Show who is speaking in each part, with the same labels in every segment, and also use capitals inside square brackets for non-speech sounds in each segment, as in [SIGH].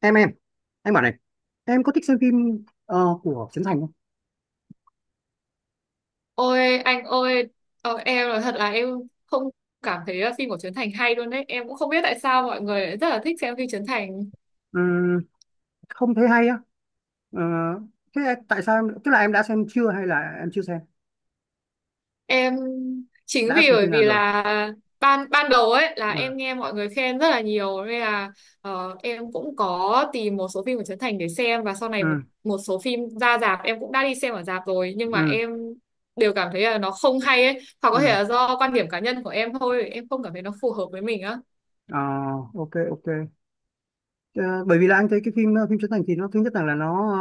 Speaker 1: em em em bảo này. Em có thích xem phim của Trấn Thành không?
Speaker 2: Ôi anh ơi, em nói thật là em không cảm thấy là phim của Trấn Thành hay luôn đấy. Em cũng không biết tại sao mọi người lại rất là thích xem phim Trấn Thành.
Speaker 1: Ừm, không thấy hay á. Ờ, thế tại sao tức là em đã xem chưa hay là em chưa xem,
Speaker 2: Em chính
Speaker 1: đã
Speaker 2: vì
Speaker 1: xem
Speaker 2: bởi
Speaker 1: phim nào
Speaker 2: vì
Speaker 1: rồi?
Speaker 2: là ban ban đầu ấy là em
Speaker 1: Ừ
Speaker 2: nghe mọi người khen rất là nhiều nên là em cũng có tìm một số phim của Trấn Thành để xem và sau này một
Speaker 1: ừ
Speaker 2: một số phim ra rạp em cũng đã đi xem ở rạp rồi nhưng mà
Speaker 1: ừ
Speaker 2: em đều cảm thấy là nó không hay ấy. Hoặc có thể
Speaker 1: ừ.
Speaker 2: là do quan điểm cá nhân của em thôi, em không cảm thấy nó phù hợp với mình á.
Speaker 1: Ờ, ok ok. Ờ, bởi vì là anh thấy cái phim phim Trấn Thành thì nó thứ nhất là nó,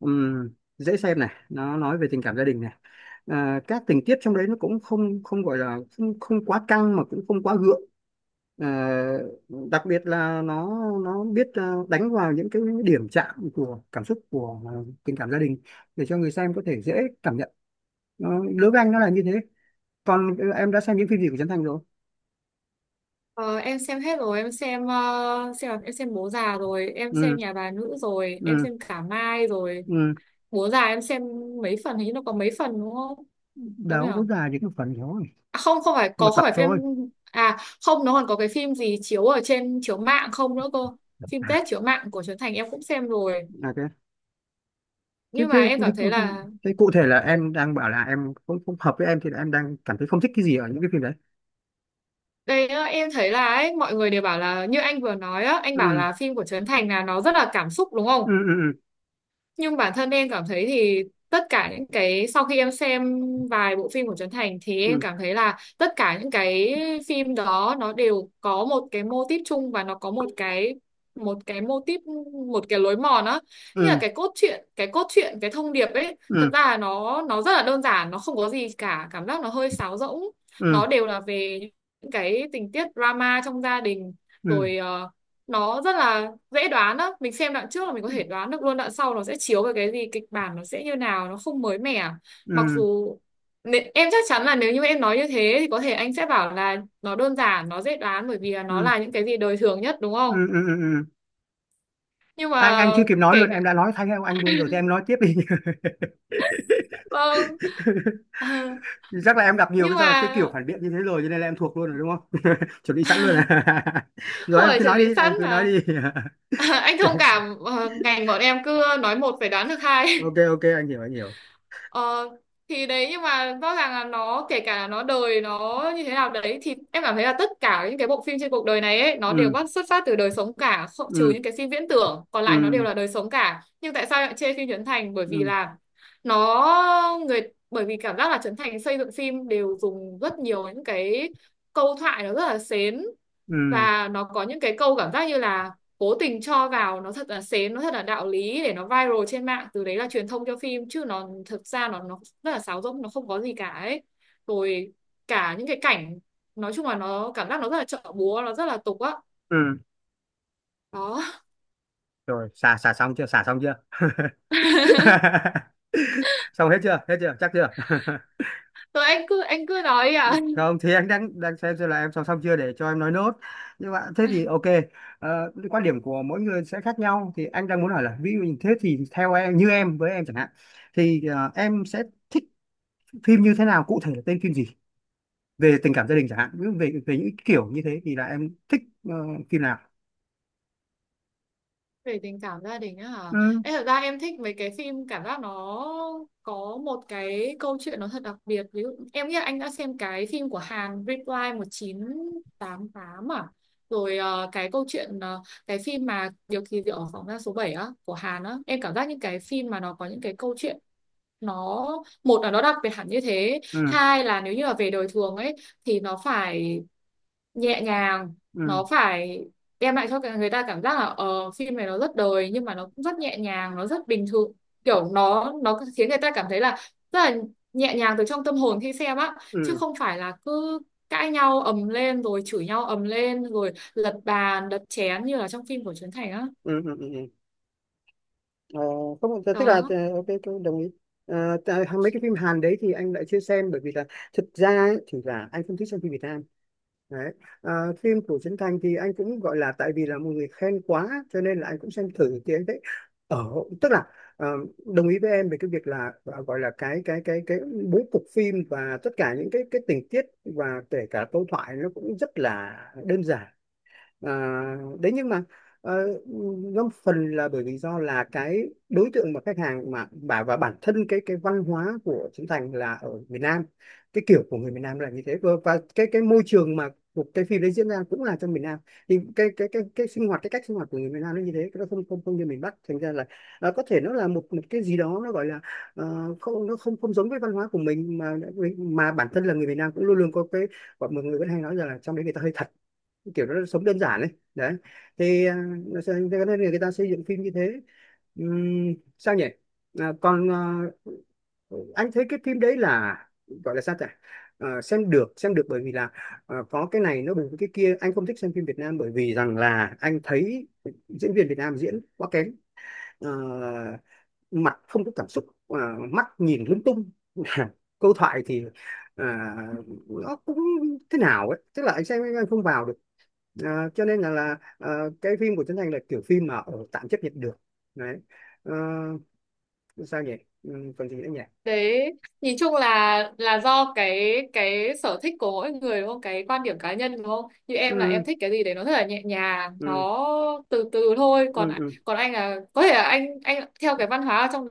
Speaker 1: ừm, dễ xem này, nó nói về tình cảm gia đình này. Ờ, các tình tiết trong đấy nó cũng không không gọi là không quá căng mà cũng không quá gượng. Ờ, đặc biệt là nó biết đánh vào những cái điểm chạm của cảm xúc của tình cảm gia đình, để cho người xem có thể dễ cảm nhận nó. Đối với anh nó là như thế. Còn em đã xem những phim gì của Trấn Thành rồi?
Speaker 2: Ờ, em xem hết rồi, em xem Bố già rồi, em xem
Speaker 1: Ừ
Speaker 2: Nhà bà nữ rồi, em
Speaker 1: ừ
Speaker 2: xem Cả Mai rồi.
Speaker 1: ừ.
Speaker 2: Bố già em xem mấy phần, hình như nó có mấy phần đúng không? Đúng nhỉ?
Speaker 1: Đâu có dài, những cái phần thôi,
Speaker 2: À, không, không phải,
Speaker 1: một
Speaker 2: có không
Speaker 1: tập
Speaker 2: phải phim,
Speaker 1: thôi.
Speaker 2: à không, nó còn có cái phim gì chiếu ở trên chiếu mạng không nữa cơ. Phim
Speaker 1: À,
Speaker 2: Tết chiếu mạng của Trấn Thành em cũng xem rồi.
Speaker 1: ok. thế,
Speaker 2: Nhưng
Speaker 1: thế,
Speaker 2: mà em
Speaker 1: thế,
Speaker 2: cảm thấy là
Speaker 1: thế cụ thể là em đang bảo là em không hợp với em thì là em đang cảm thấy không thích cái gì ở những cái phim đấy?
Speaker 2: đây á, em thấy là ấy, mọi người đều bảo là như anh vừa nói á, anh bảo
Speaker 1: Ừ
Speaker 2: là phim của Trấn Thành là nó rất là cảm xúc đúng không?
Speaker 1: ừ ừ
Speaker 2: Nhưng bản thân em cảm thấy thì tất cả những cái sau khi em xem vài bộ phim của Trấn Thành thì em
Speaker 1: ừ
Speaker 2: cảm thấy là tất cả những cái phim đó nó đều có một cái mô típ chung và nó có một cái mô típ, một cái lối mòn á, như là
Speaker 1: ừ
Speaker 2: cái cốt truyện cái thông điệp ấy,
Speaker 1: ừ
Speaker 2: thật ra là nó rất là đơn giản, nó không có gì cả, cảm giác nó hơi sáo rỗng,
Speaker 1: ừ
Speaker 2: nó đều là về những cái tình tiết drama trong gia đình
Speaker 1: ừ ừ
Speaker 2: rồi. Ờ, nó rất là dễ đoán đó, mình xem đoạn trước là mình có thể đoán được luôn đoạn sau nó sẽ chiếu về cái gì, kịch bản nó sẽ như nào, nó không mới mẻ. Mặc
Speaker 1: ừ
Speaker 2: dù em chắc chắn là nếu như em nói như thế thì có thể anh sẽ bảo là nó đơn giản, nó dễ đoán bởi vì là nó
Speaker 1: ừ
Speaker 2: là những cái gì đời thường nhất đúng không,
Speaker 1: ừ, ừ, ừ. Ừ.
Speaker 2: nhưng
Speaker 1: anh
Speaker 2: mà
Speaker 1: anh chưa kịp nói
Speaker 2: kể
Speaker 1: luôn, em
Speaker 2: cả,
Speaker 1: đã nói thay theo anh luôn rồi, thì em nói tiếp đi.
Speaker 2: vâng. Ờ,
Speaker 1: [LAUGHS] Chắc là em gặp nhiều
Speaker 2: nhưng
Speaker 1: cái sao, cái
Speaker 2: mà
Speaker 1: kiểu phản biện như thế rồi cho nên là em thuộc luôn rồi, đúng không? [LAUGHS] Chuẩn bị sẵn luôn
Speaker 2: [LAUGHS]
Speaker 1: à? [LAUGHS] Rồi,
Speaker 2: không
Speaker 1: em
Speaker 2: phải
Speaker 1: cứ
Speaker 2: chuẩn
Speaker 1: nói
Speaker 2: bị
Speaker 1: đi,
Speaker 2: sẵn
Speaker 1: em cứ nói
Speaker 2: mà
Speaker 1: đi.
Speaker 2: [LAUGHS] anh thông
Speaker 1: [LAUGHS]
Speaker 2: cảm, ngành bọn em cứ nói một phải đoán được hai.
Speaker 1: Ok ok, anh hiểu anh hiểu.
Speaker 2: Ờ, thì đấy, nhưng mà rõ ràng là nó kể cả là nó đời nó như thế nào đấy, thì em cảm thấy là tất cả những cái bộ phim trên cuộc đời này ấy nó đều
Speaker 1: Ừ
Speaker 2: bắt xuất phát từ đời sống cả, không, trừ
Speaker 1: ừ
Speaker 2: những cái phim viễn tưởng, còn lại nó đều
Speaker 1: ừ
Speaker 2: là đời sống cả, nhưng tại sao lại chê phim Trấn Thành, bởi vì
Speaker 1: ừ
Speaker 2: là nó người, bởi vì cảm giác là Trấn Thành xây dựng phim đều dùng rất nhiều những cái câu thoại nó rất là xến,
Speaker 1: ừ
Speaker 2: và nó có những cái câu cảm giác như là cố tình cho vào nó thật là sến, nó thật là đạo lý để nó viral trên mạng, từ đấy là truyền thông cho phim, chứ nó thực ra nó rất là sáo rỗng, nó không có gì cả ấy. Rồi cả những cái cảnh, nói chung là nó cảm giác nó rất là chợ búa, nó rất là tục á,
Speaker 1: ừ.
Speaker 2: đó.
Speaker 1: Rồi, xả xả xong chưa, xả xong chưa? [LAUGHS]
Speaker 2: [LAUGHS]
Speaker 1: Xong hết chưa, hết chưa, chắc chưa? [LAUGHS]
Speaker 2: Rồi anh cứ nói đi ạ.
Speaker 1: Không, thì anh đang đang xem là em xong xong chưa để cho em nói nốt. Nhưng mà thế thì ok. Ờ, cái quan điểm của mỗi người sẽ khác nhau, thì anh đang muốn hỏi là ví dụ như thế thì theo em, như em với em chẳng hạn, thì em sẽ thích phim như thế nào, cụ thể là tên phim gì? Về tình cảm gia đình chẳng hạn, ví dụ về về những kiểu như thế thì là em thích phim nào?
Speaker 2: Về tình cảm gia đình á hả,
Speaker 1: Ừ
Speaker 2: em thật ra em thích mấy cái phim cảm giác nó có một cái câu chuyện nó thật đặc biệt, ví dụ em nghĩ là anh đã xem cái phim của Hàn, Reply 1988 à, rồi cái câu chuyện, cái phim mà Điều kỳ diệu ở phòng giam số 7 á của Hàn á, em cảm giác những cái phim mà nó có những cái câu chuyện, nó một là nó đặc biệt hẳn như thế,
Speaker 1: ừ
Speaker 2: hai là nếu như là về đời thường ấy thì nó phải nhẹ nhàng,
Speaker 1: ừ
Speaker 2: nó phải đem lại cho cả người ta cảm giác là phim này nó rất đời nhưng mà nó cũng rất nhẹ nhàng, nó rất bình thường, kiểu nó khiến người ta cảm thấy là rất là nhẹ nhàng từ trong tâm hồn khi xem á, chứ
Speaker 1: ừ
Speaker 2: không phải là cứ cãi nhau ầm lên rồi chửi nhau ầm lên rồi lật bàn đập chén như là trong phim của Trấn Thành á,
Speaker 1: ừ ừ ừ ừ. ờ, Không, tức là
Speaker 2: đó,
Speaker 1: ok, tôi đồng ý. Ờ, mấy cái phim Hàn đấy thì anh lại chưa xem, bởi vì là thực ra ấy, thì là anh không thích xem phim Việt Nam. Đấy. À, phim của Trấn Thành thì anh cũng gọi là tại vì là một người khen quá cho nên là anh cũng xem thử, thì anh thấy, ở, tức là ờ, đồng ý với em về cái việc là gọi là cái bố cục phim và tất cả những cái tình tiết và kể cả câu thoại nó cũng rất là đơn giản. À, đấy, nhưng mà ờ, nó phần là bởi vì do là cái đối tượng mà khách hàng mà bà và bản thân cái văn hóa của Trấn Thành là ở miền Nam. Cái kiểu của người miền Nam là như thế, và, cái môi trường mà cuộc cái phim đấy diễn ra cũng là trong miền Nam, thì cái sinh hoạt, cái cách sinh hoạt của người miền Nam nó như thế, nó không không không như miền Bắc, thành ra là có thể nó là một một cái gì đó nó gọi là không, nó không không giống với văn hóa của mình. Mà bản thân là người miền Nam cũng luôn luôn có cái gọi, mọi người vẫn hay nói rằng là trong đấy người ta hơi thật, kiểu nó sống đơn giản ấy. Đấy, thì thế nên là người ta xây dựng phim như thế. Sao nhỉ, còn anh thấy cái phim đấy là gọi là sao ta, Ờ, xem được, xem được, bởi vì là có cái này nó bởi vì cái kia, anh không thích xem phim Việt Nam bởi vì rằng là anh thấy diễn viên Việt Nam diễn quá kém. Ờ, mặt không có cảm xúc, mắt nhìn lung tung. [LAUGHS] Câu thoại thì à, nó cũng thế nào ấy, tức là anh xem anh không vào được. À, cho nên là cái phim của Trấn Thành là kiểu phim mà tạm chấp nhận được. Đấy. Ờ, sao nhỉ, ừ, còn gì nữa nhỉ.
Speaker 2: đấy. Nhìn chung là do cái sở thích của mỗi người đúng không, cái quan điểm cá nhân đúng không, như em là em
Speaker 1: Ừ,
Speaker 2: thích cái gì đấy nó rất là nhẹ nhàng,
Speaker 1: ừ,
Speaker 2: nó từ từ thôi, còn
Speaker 1: ừ, ừ,
Speaker 2: còn anh là có thể là anh theo cái văn hóa ở trong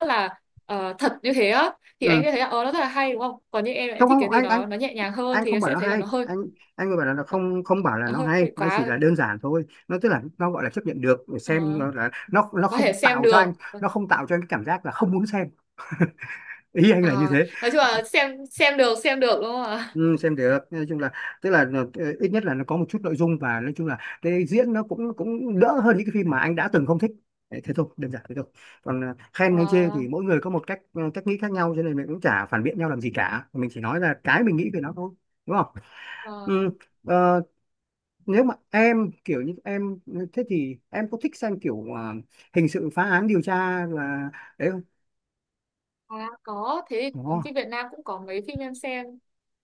Speaker 2: rất là, thật như thế á, thì anh
Speaker 1: ừ.
Speaker 2: sẽ thấy là ờ nó rất là hay đúng không, còn như em là
Speaker 1: Không
Speaker 2: em thích
Speaker 1: không,
Speaker 2: cái gì
Speaker 1: anh anh
Speaker 2: nó nhẹ nhàng hơn
Speaker 1: anh
Speaker 2: thì
Speaker 1: không
Speaker 2: em
Speaker 1: bảo
Speaker 2: sẽ
Speaker 1: nó
Speaker 2: thấy là
Speaker 1: hay,
Speaker 2: nó hơi,
Speaker 1: anh bảo là nó
Speaker 2: nó,
Speaker 1: không, bảo là
Speaker 2: nó
Speaker 1: nó
Speaker 2: hơi
Speaker 1: hay,
Speaker 2: bị
Speaker 1: nó
Speaker 2: quá
Speaker 1: chỉ là
Speaker 2: rồi.
Speaker 1: đơn giản thôi, nó tức là nó gọi là chấp nhận được để xem,
Speaker 2: Ờ,
Speaker 1: nó là nó,
Speaker 2: có thể
Speaker 1: không
Speaker 2: xem
Speaker 1: tạo cho
Speaker 2: được.
Speaker 1: anh, nó không tạo cho anh cái cảm giác là không muốn xem. Ý anh
Speaker 2: Ờ,
Speaker 1: là như thế.
Speaker 2: nói chung là xem được, xem được đúng không ạ.
Speaker 1: Ừ, xem được, nói chung là tức là ít nhất là nó có một chút nội dung, và nói chung là cái diễn nó cũng cũng đỡ hơn những cái phim mà anh đã từng không thích. Đấy, thế thôi, đơn giản thế thôi. Còn khen hay chê
Speaker 2: Ờ,
Speaker 1: thì mỗi người có một cách, cách nghĩ khác nhau, cho nên mình cũng chả phản biện nhau làm gì cả, mình chỉ nói là cái mình nghĩ về nó thôi, đúng không.
Speaker 2: ờ.
Speaker 1: Ừ. Ờ, nếu mà em kiểu như em, thế thì em có thích xem kiểu hình sự phá án điều tra là đấy không?
Speaker 2: À, có thế,
Speaker 1: Ồ,
Speaker 2: phim Việt Nam cũng có mấy phim em xem.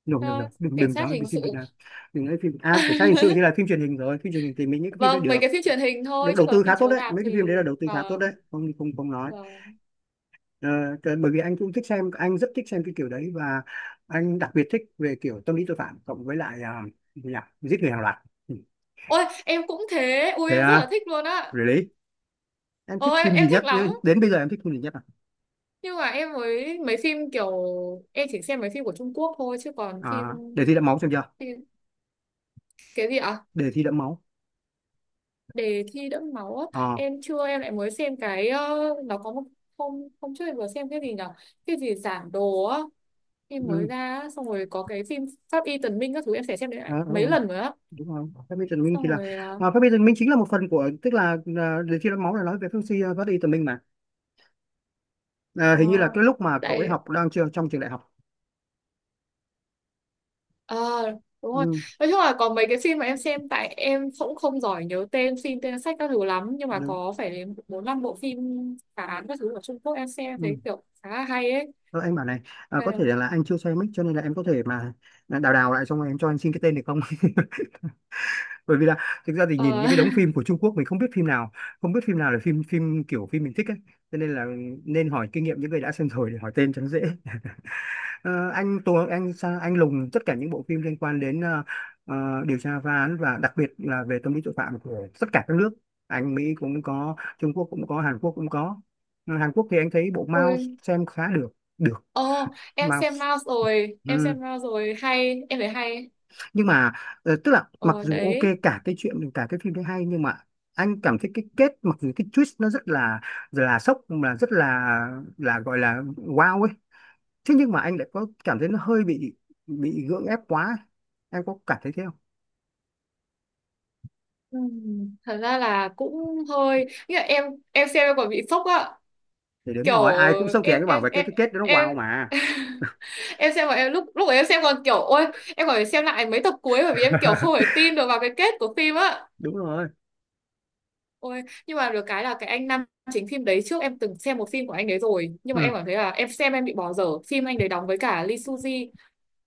Speaker 1: no,
Speaker 2: Ờ,
Speaker 1: no, no. đừng
Speaker 2: cảnh
Speaker 1: đừng
Speaker 2: sát
Speaker 1: nói về
Speaker 2: hình sự.
Speaker 1: phim Việt Nam, đừng nói phim à, cảnh sát hình sự thì
Speaker 2: [LAUGHS]
Speaker 1: là phim truyền hình rồi, phim truyền hình thì mình những cái phim đấy
Speaker 2: Vâng, mấy cái
Speaker 1: được,
Speaker 2: phim truyền hình
Speaker 1: được
Speaker 2: thôi chứ
Speaker 1: đầu tư
Speaker 2: còn
Speaker 1: khá
Speaker 2: phim
Speaker 1: tốt
Speaker 2: chiếu
Speaker 1: đấy,
Speaker 2: rạp
Speaker 1: mấy
Speaker 2: thì,
Speaker 1: cái phim đấy là đầu tư khá tốt đấy,
Speaker 2: vâng,
Speaker 1: không không không nói.
Speaker 2: vâng,
Speaker 1: Ờ, bởi vì anh cũng thích xem, anh rất thích xem cái kiểu đấy, và anh đặc biệt thích về kiểu tâm lý tội phạm cộng với lại gì nhỉ? Giết người hàng loạt. Ừ.
Speaker 2: ôi em cũng thế, ui
Speaker 1: Thế
Speaker 2: em rất là
Speaker 1: à?
Speaker 2: thích luôn á.
Speaker 1: Really? Em thích
Speaker 2: Ôi
Speaker 1: phim gì
Speaker 2: em thích
Speaker 1: nhất,
Speaker 2: lắm,
Speaker 1: đến bây giờ em thích phim gì nhất?
Speaker 2: nhưng mà em mới mấy phim kiểu, em chỉ xem mấy phim của Trung Quốc thôi chứ còn phim,
Speaker 1: Để thi đẫm máu xem chưa?
Speaker 2: phim cái gì ạ?
Speaker 1: Đề thi đẫm máu.
Speaker 2: Đề thi đẫm máu á,
Speaker 1: Ờ.
Speaker 2: em chưa, em lại mới xem cái, nó có một, hôm hôm trước em vừa xem cái gì nhở, cái gì giảng đồ á, phim mới
Speaker 1: Ừ.
Speaker 2: ra á, xong rồi có cái phim Pháp Y Tần Minh các thứ em sẽ xem
Speaker 1: ờ,
Speaker 2: lại
Speaker 1: ờ, ờ,
Speaker 2: mấy lần nữa á,
Speaker 1: Đúng rồi, phép bí tần minh thì
Speaker 2: xong
Speaker 1: là
Speaker 2: rồi à,
Speaker 1: phép bí tần minh chính là một phần của, tức là đề thi đẫm máu là nói về phép suy phát đi tần minh mà. À, hình như là
Speaker 2: à,
Speaker 1: cái lúc mà cậu ấy
Speaker 2: tại,
Speaker 1: học đang chưa trong trường đại học.
Speaker 2: à, đúng rồi.
Speaker 1: Ừ,
Speaker 2: Nói chung là có mấy cái phim mà em xem, tại em cũng không giỏi nhớ tên phim tên sách các thứ lắm, nhưng mà
Speaker 1: đúng.
Speaker 2: có phải đến bốn năm bộ phim phá án các thứ của Trung Quốc em xem em thấy
Speaker 1: Ừ.
Speaker 2: kiểu khá là hay ấy.
Speaker 1: Thôi anh bảo này, có thể là anh chưa xem mic cho nên là em có thể mà đào đào lại xong rồi em cho anh xin cái tên được không? [LAUGHS] Bởi vì là thực ra thì nhìn
Speaker 2: Ờ,
Speaker 1: những cái
Speaker 2: [LAUGHS]
Speaker 1: đống phim của Trung Quốc mình không biết phim nào, không biết phim nào là phim, kiểu phim mình thích ấy, cho nên là nên hỏi kinh nghiệm những người đã xem rồi để hỏi tên cho nó dễ. Ờ, anh Tuấn, anh lùng tất cả những bộ phim liên quan đến ờ, điều tra phá án và đặc biệt là về tâm lý tội phạm của tất cả các nước. Anh Mỹ cũng có, Trung Quốc cũng có, Hàn Quốc cũng có. Ừ, Hàn Quốc thì anh thấy bộ Mouse
Speaker 2: ui,
Speaker 1: xem khá được. Được.
Speaker 2: ờ, em xem
Speaker 1: Mouse.
Speaker 2: Mouse rồi, em
Speaker 1: Ừ.
Speaker 2: xem Mouse rồi, hay, em thấy hay,
Speaker 1: Nhưng mà tức là mặc
Speaker 2: ờ
Speaker 1: dù ok
Speaker 2: đấy.
Speaker 1: cả cái chuyện, cả cái phim đấy hay, nhưng mà anh cảm thấy cái kết, mặc dù cái twist nó rất là sốc, mà rất là gọi là wow ấy, thế nhưng mà anh lại có cảm thấy nó hơi bị, gượng ép quá. Em có cảm thấy thế không?
Speaker 2: Thật ra là cũng hơi như là em xem em còn bị sốc á,
Speaker 1: Thì đúng
Speaker 2: kiểu,
Speaker 1: rồi, ai cũng sống thì anh
Speaker 2: em
Speaker 1: cứ bảo
Speaker 2: em
Speaker 1: về cái
Speaker 2: em
Speaker 1: cái kết đó nó
Speaker 2: em
Speaker 1: wow mà.
Speaker 2: [LAUGHS] em xem mà em lúc lúc ấy em xem còn kiểu ôi, em còn phải xem lại mấy tập cuối bởi vì em kiểu không thể
Speaker 1: [LAUGHS]
Speaker 2: tin được vào cái kết của phim á.
Speaker 1: Đúng rồi.
Speaker 2: Ôi nhưng mà được cái là cái anh nam chính phim đấy trước em từng xem một phim của anh đấy rồi nhưng
Speaker 1: Ừ.
Speaker 2: mà em cảm thấy là em xem em bị bỏ dở phim anh đấy đóng với cả Lee Suzy,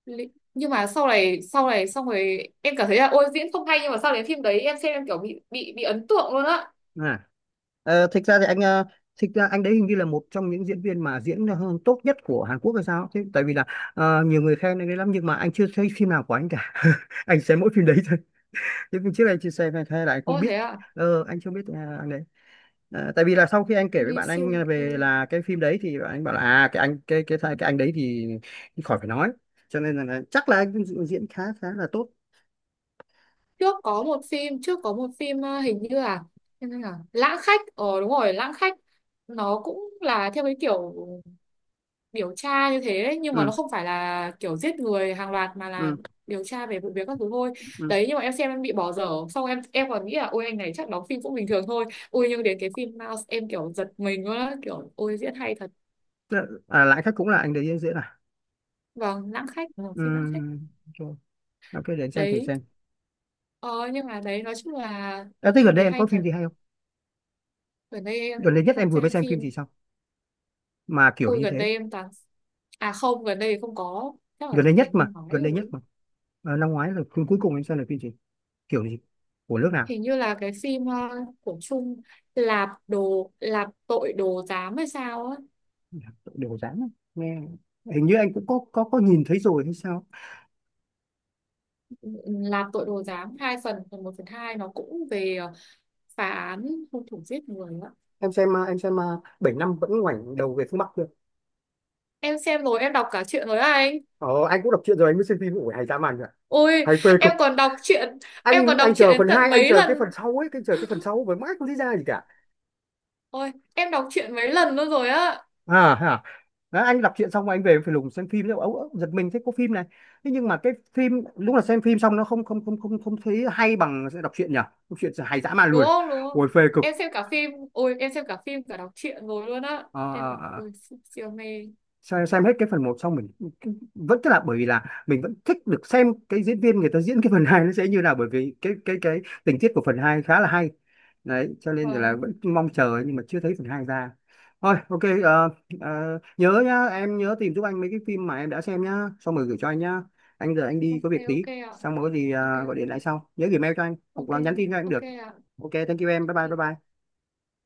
Speaker 2: Li- nhưng mà sau này xong rồi em cảm thấy là ôi diễn không hay, nhưng mà sau đến phim đấy em xem em kiểu bị bị ấn tượng luôn á.
Speaker 1: À. Ờ, thực ra thì anh, thực ra anh đấy hình như là một trong những diễn viên mà diễn tốt nhất của Hàn Quốc hay sao thế, tại vì là nhiều người khen anh ấy lắm nhưng mà anh chưa thấy phim nào của anh cả. [LAUGHS] Anh xem mỗi phim đấy thôi, chứ phim trước anh chưa xem hay hay là anh không
Speaker 2: Ôi
Speaker 1: biết.
Speaker 2: thế ạ,
Speaker 1: Ờ, anh chưa biết anh đấy. À, tại vì là sau khi anh kể với
Speaker 2: Lee
Speaker 1: bạn
Speaker 2: Seung.
Speaker 1: anh về là cái phim đấy thì bạn anh bảo là à, cái anh, cái anh đấy thì khỏi phải nói, cho nên là, chắc là anh diễn, khá, là tốt.
Speaker 2: Trước có một phim hình như là, hình như là Lãng Khách, ờ đúng rồi, Lãng Khách, nó cũng là theo cái kiểu điều tra như thế ấy, nhưng mà nó
Speaker 1: Ừ
Speaker 2: không phải là kiểu giết người hàng loạt mà là
Speaker 1: ừ
Speaker 2: điều tra về vụ việc các thứ thôi
Speaker 1: ừ.
Speaker 2: đấy, nhưng mà em xem em bị bỏ dở xong em còn nghĩ là ôi anh này chắc đóng phim cũng bình thường thôi. Ôi nhưng đến cái phim Mouse em kiểu giật mình luôn á, kiểu ôi diễn hay thật.
Speaker 1: Lại khác cũng là anh đấy diễn, à.
Speaker 2: Vâng, Lãng Khách, ừ,
Speaker 1: Ừ.
Speaker 2: phim Lãng Khách
Speaker 1: Rồi, ok, để anh xem thử
Speaker 2: đấy.
Speaker 1: xem.
Speaker 2: Ờ, nhưng mà đấy nói chung là
Speaker 1: À,
Speaker 2: bộ
Speaker 1: thế
Speaker 2: phim
Speaker 1: gần đây
Speaker 2: đấy
Speaker 1: em
Speaker 2: hay
Speaker 1: có phim
Speaker 2: thật.
Speaker 1: gì hay không,
Speaker 2: Gần đây em
Speaker 1: gần
Speaker 2: lại
Speaker 1: đây nhất em
Speaker 2: không
Speaker 1: vừa mới
Speaker 2: xem
Speaker 1: xem phim
Speaker 2: phim.
Speaker 1: gì sao mà kiểu
Speaker 2: Ui
Speaker 1: như
Speaker 2: gần
Speaker 1: thế,
Speaker 2: đây em toàn, à không, gần đây không có, chắc là
Speaker 1: gần đây
Speaker 2: phải từ
Speaker 1: nhất mà,
Speaker 2: năm ngoái
Speaker 1: gần đây nhất
Speaker 2: rồi.
Speaker 1: mà, năm ngoái là phim cuối cùng em xem là phim gì, kiểu gì, của nước nào?
Speaker 2: Hình như là cái phim của Trung, Lạp tội đồ giám hay sao á.
Speaker 1: Đều dáng, nghe hình như anh cũng có nhìn thấy rồi hay sao.
Speaker 2: Ừ, ừ, Lạp tội đồ giám hai phần, phần một phần hai, nó cũng về phá án hung thủ giết người á.
Speaker 1: Em xem à, bảy năm vẫn ngoảnh đầu về phương Bắc chưa?
Speaker 2: Em xem rồi, em đọc cả truyện rồi á anh.
Speaker 1: Ờ, anh cũng đọc truyện rồi anh mới xem phim, ủa hay dã man rồi,
Speaker 2: Ôi
Speaker 1: hay phê
Speaker 2: em
Speaker 1: cực.
Speaker 2: còn đọc truyện, em
Speaker 1: anh
Speaker 2: còn đọc
Speaker 1: anh
Speaker 2: truyện
Speaker 1: chờ
Speaker 2: đến
Speaker 1: phần
Speaker 2: tận
Speaker 1: hai, anh
Speaker 2: mấy
Speaker 1: chờ cái
Speaker 2: lần,
Speaker 1: phần sau ấy, anh chờ cái phần sau với mãi không thấy ra gì cả.
Speaker 2: ôi em đọc truyện mấy lần nữa rồi á.
Speaker 1: À hả. Đó, anh đọc truyện xong rồi anh về phải lùng xem phim, ấu ấu giật mình thấy có phim này. Thế nhưng mà cái phim lúc là xem phim xong nó không không không không không thấy hay bằng sẽ đọc truyện nhỉ, đọc truyện hay dã man
Speaker 2: Đúng
Speaker 1: luôn,
Speaker 2: không, đúng không.
Speaker 1: ôi phê cực.
Speaker 2: Em xem cả phim, ôi em xem cả phim cả đọc truyện rồi luôn á,
Speaker 1: Ờ,
Speaker 2: em là
Speaker 1: ờ,
Speaker 2: ôi siêu, siêu mê.
Speaker 1: xem hết cái phần một xong mình vẫn, tức là bởi vì là mình vẫn thích được xem cái diễn viên người ta diễn cái phần 2 nó sẽ như nào, bởi vì cái tình tiết của phần 2 khá là hay. Đấy, cho nên là vẫn
Speaker 2: Vâng.
Speaker 1: mong chờ nhưng mà chưa thấy phần 2 ra. Thôi ok, nhớ nhá, em nhớ tìm giúp anh mấy cái phim mà em đã xem nhá, xong rồi gửi cho anh nhá. Anh giờ anh đi có
Speaker 2: Ok,
Speaker 1: việc tí,
Speaker 2: ok ạ.
Speaker 1: xong rồi có gì
Speaker 2: Ok ạ.
Speaker 1: gọi điện lại sau, nhớ gửi mail cho anh hoặc
Speaker 2: Ok.
Speaker 1: là nhắn tin cho anh cũng
Speaker 2: Ok
Speaker 1: được.
Speaker 2: ạ.
Speaker 1: Ok thank you em, bye bye bye
Speaker 2: Ok.
Speaker 1: bye.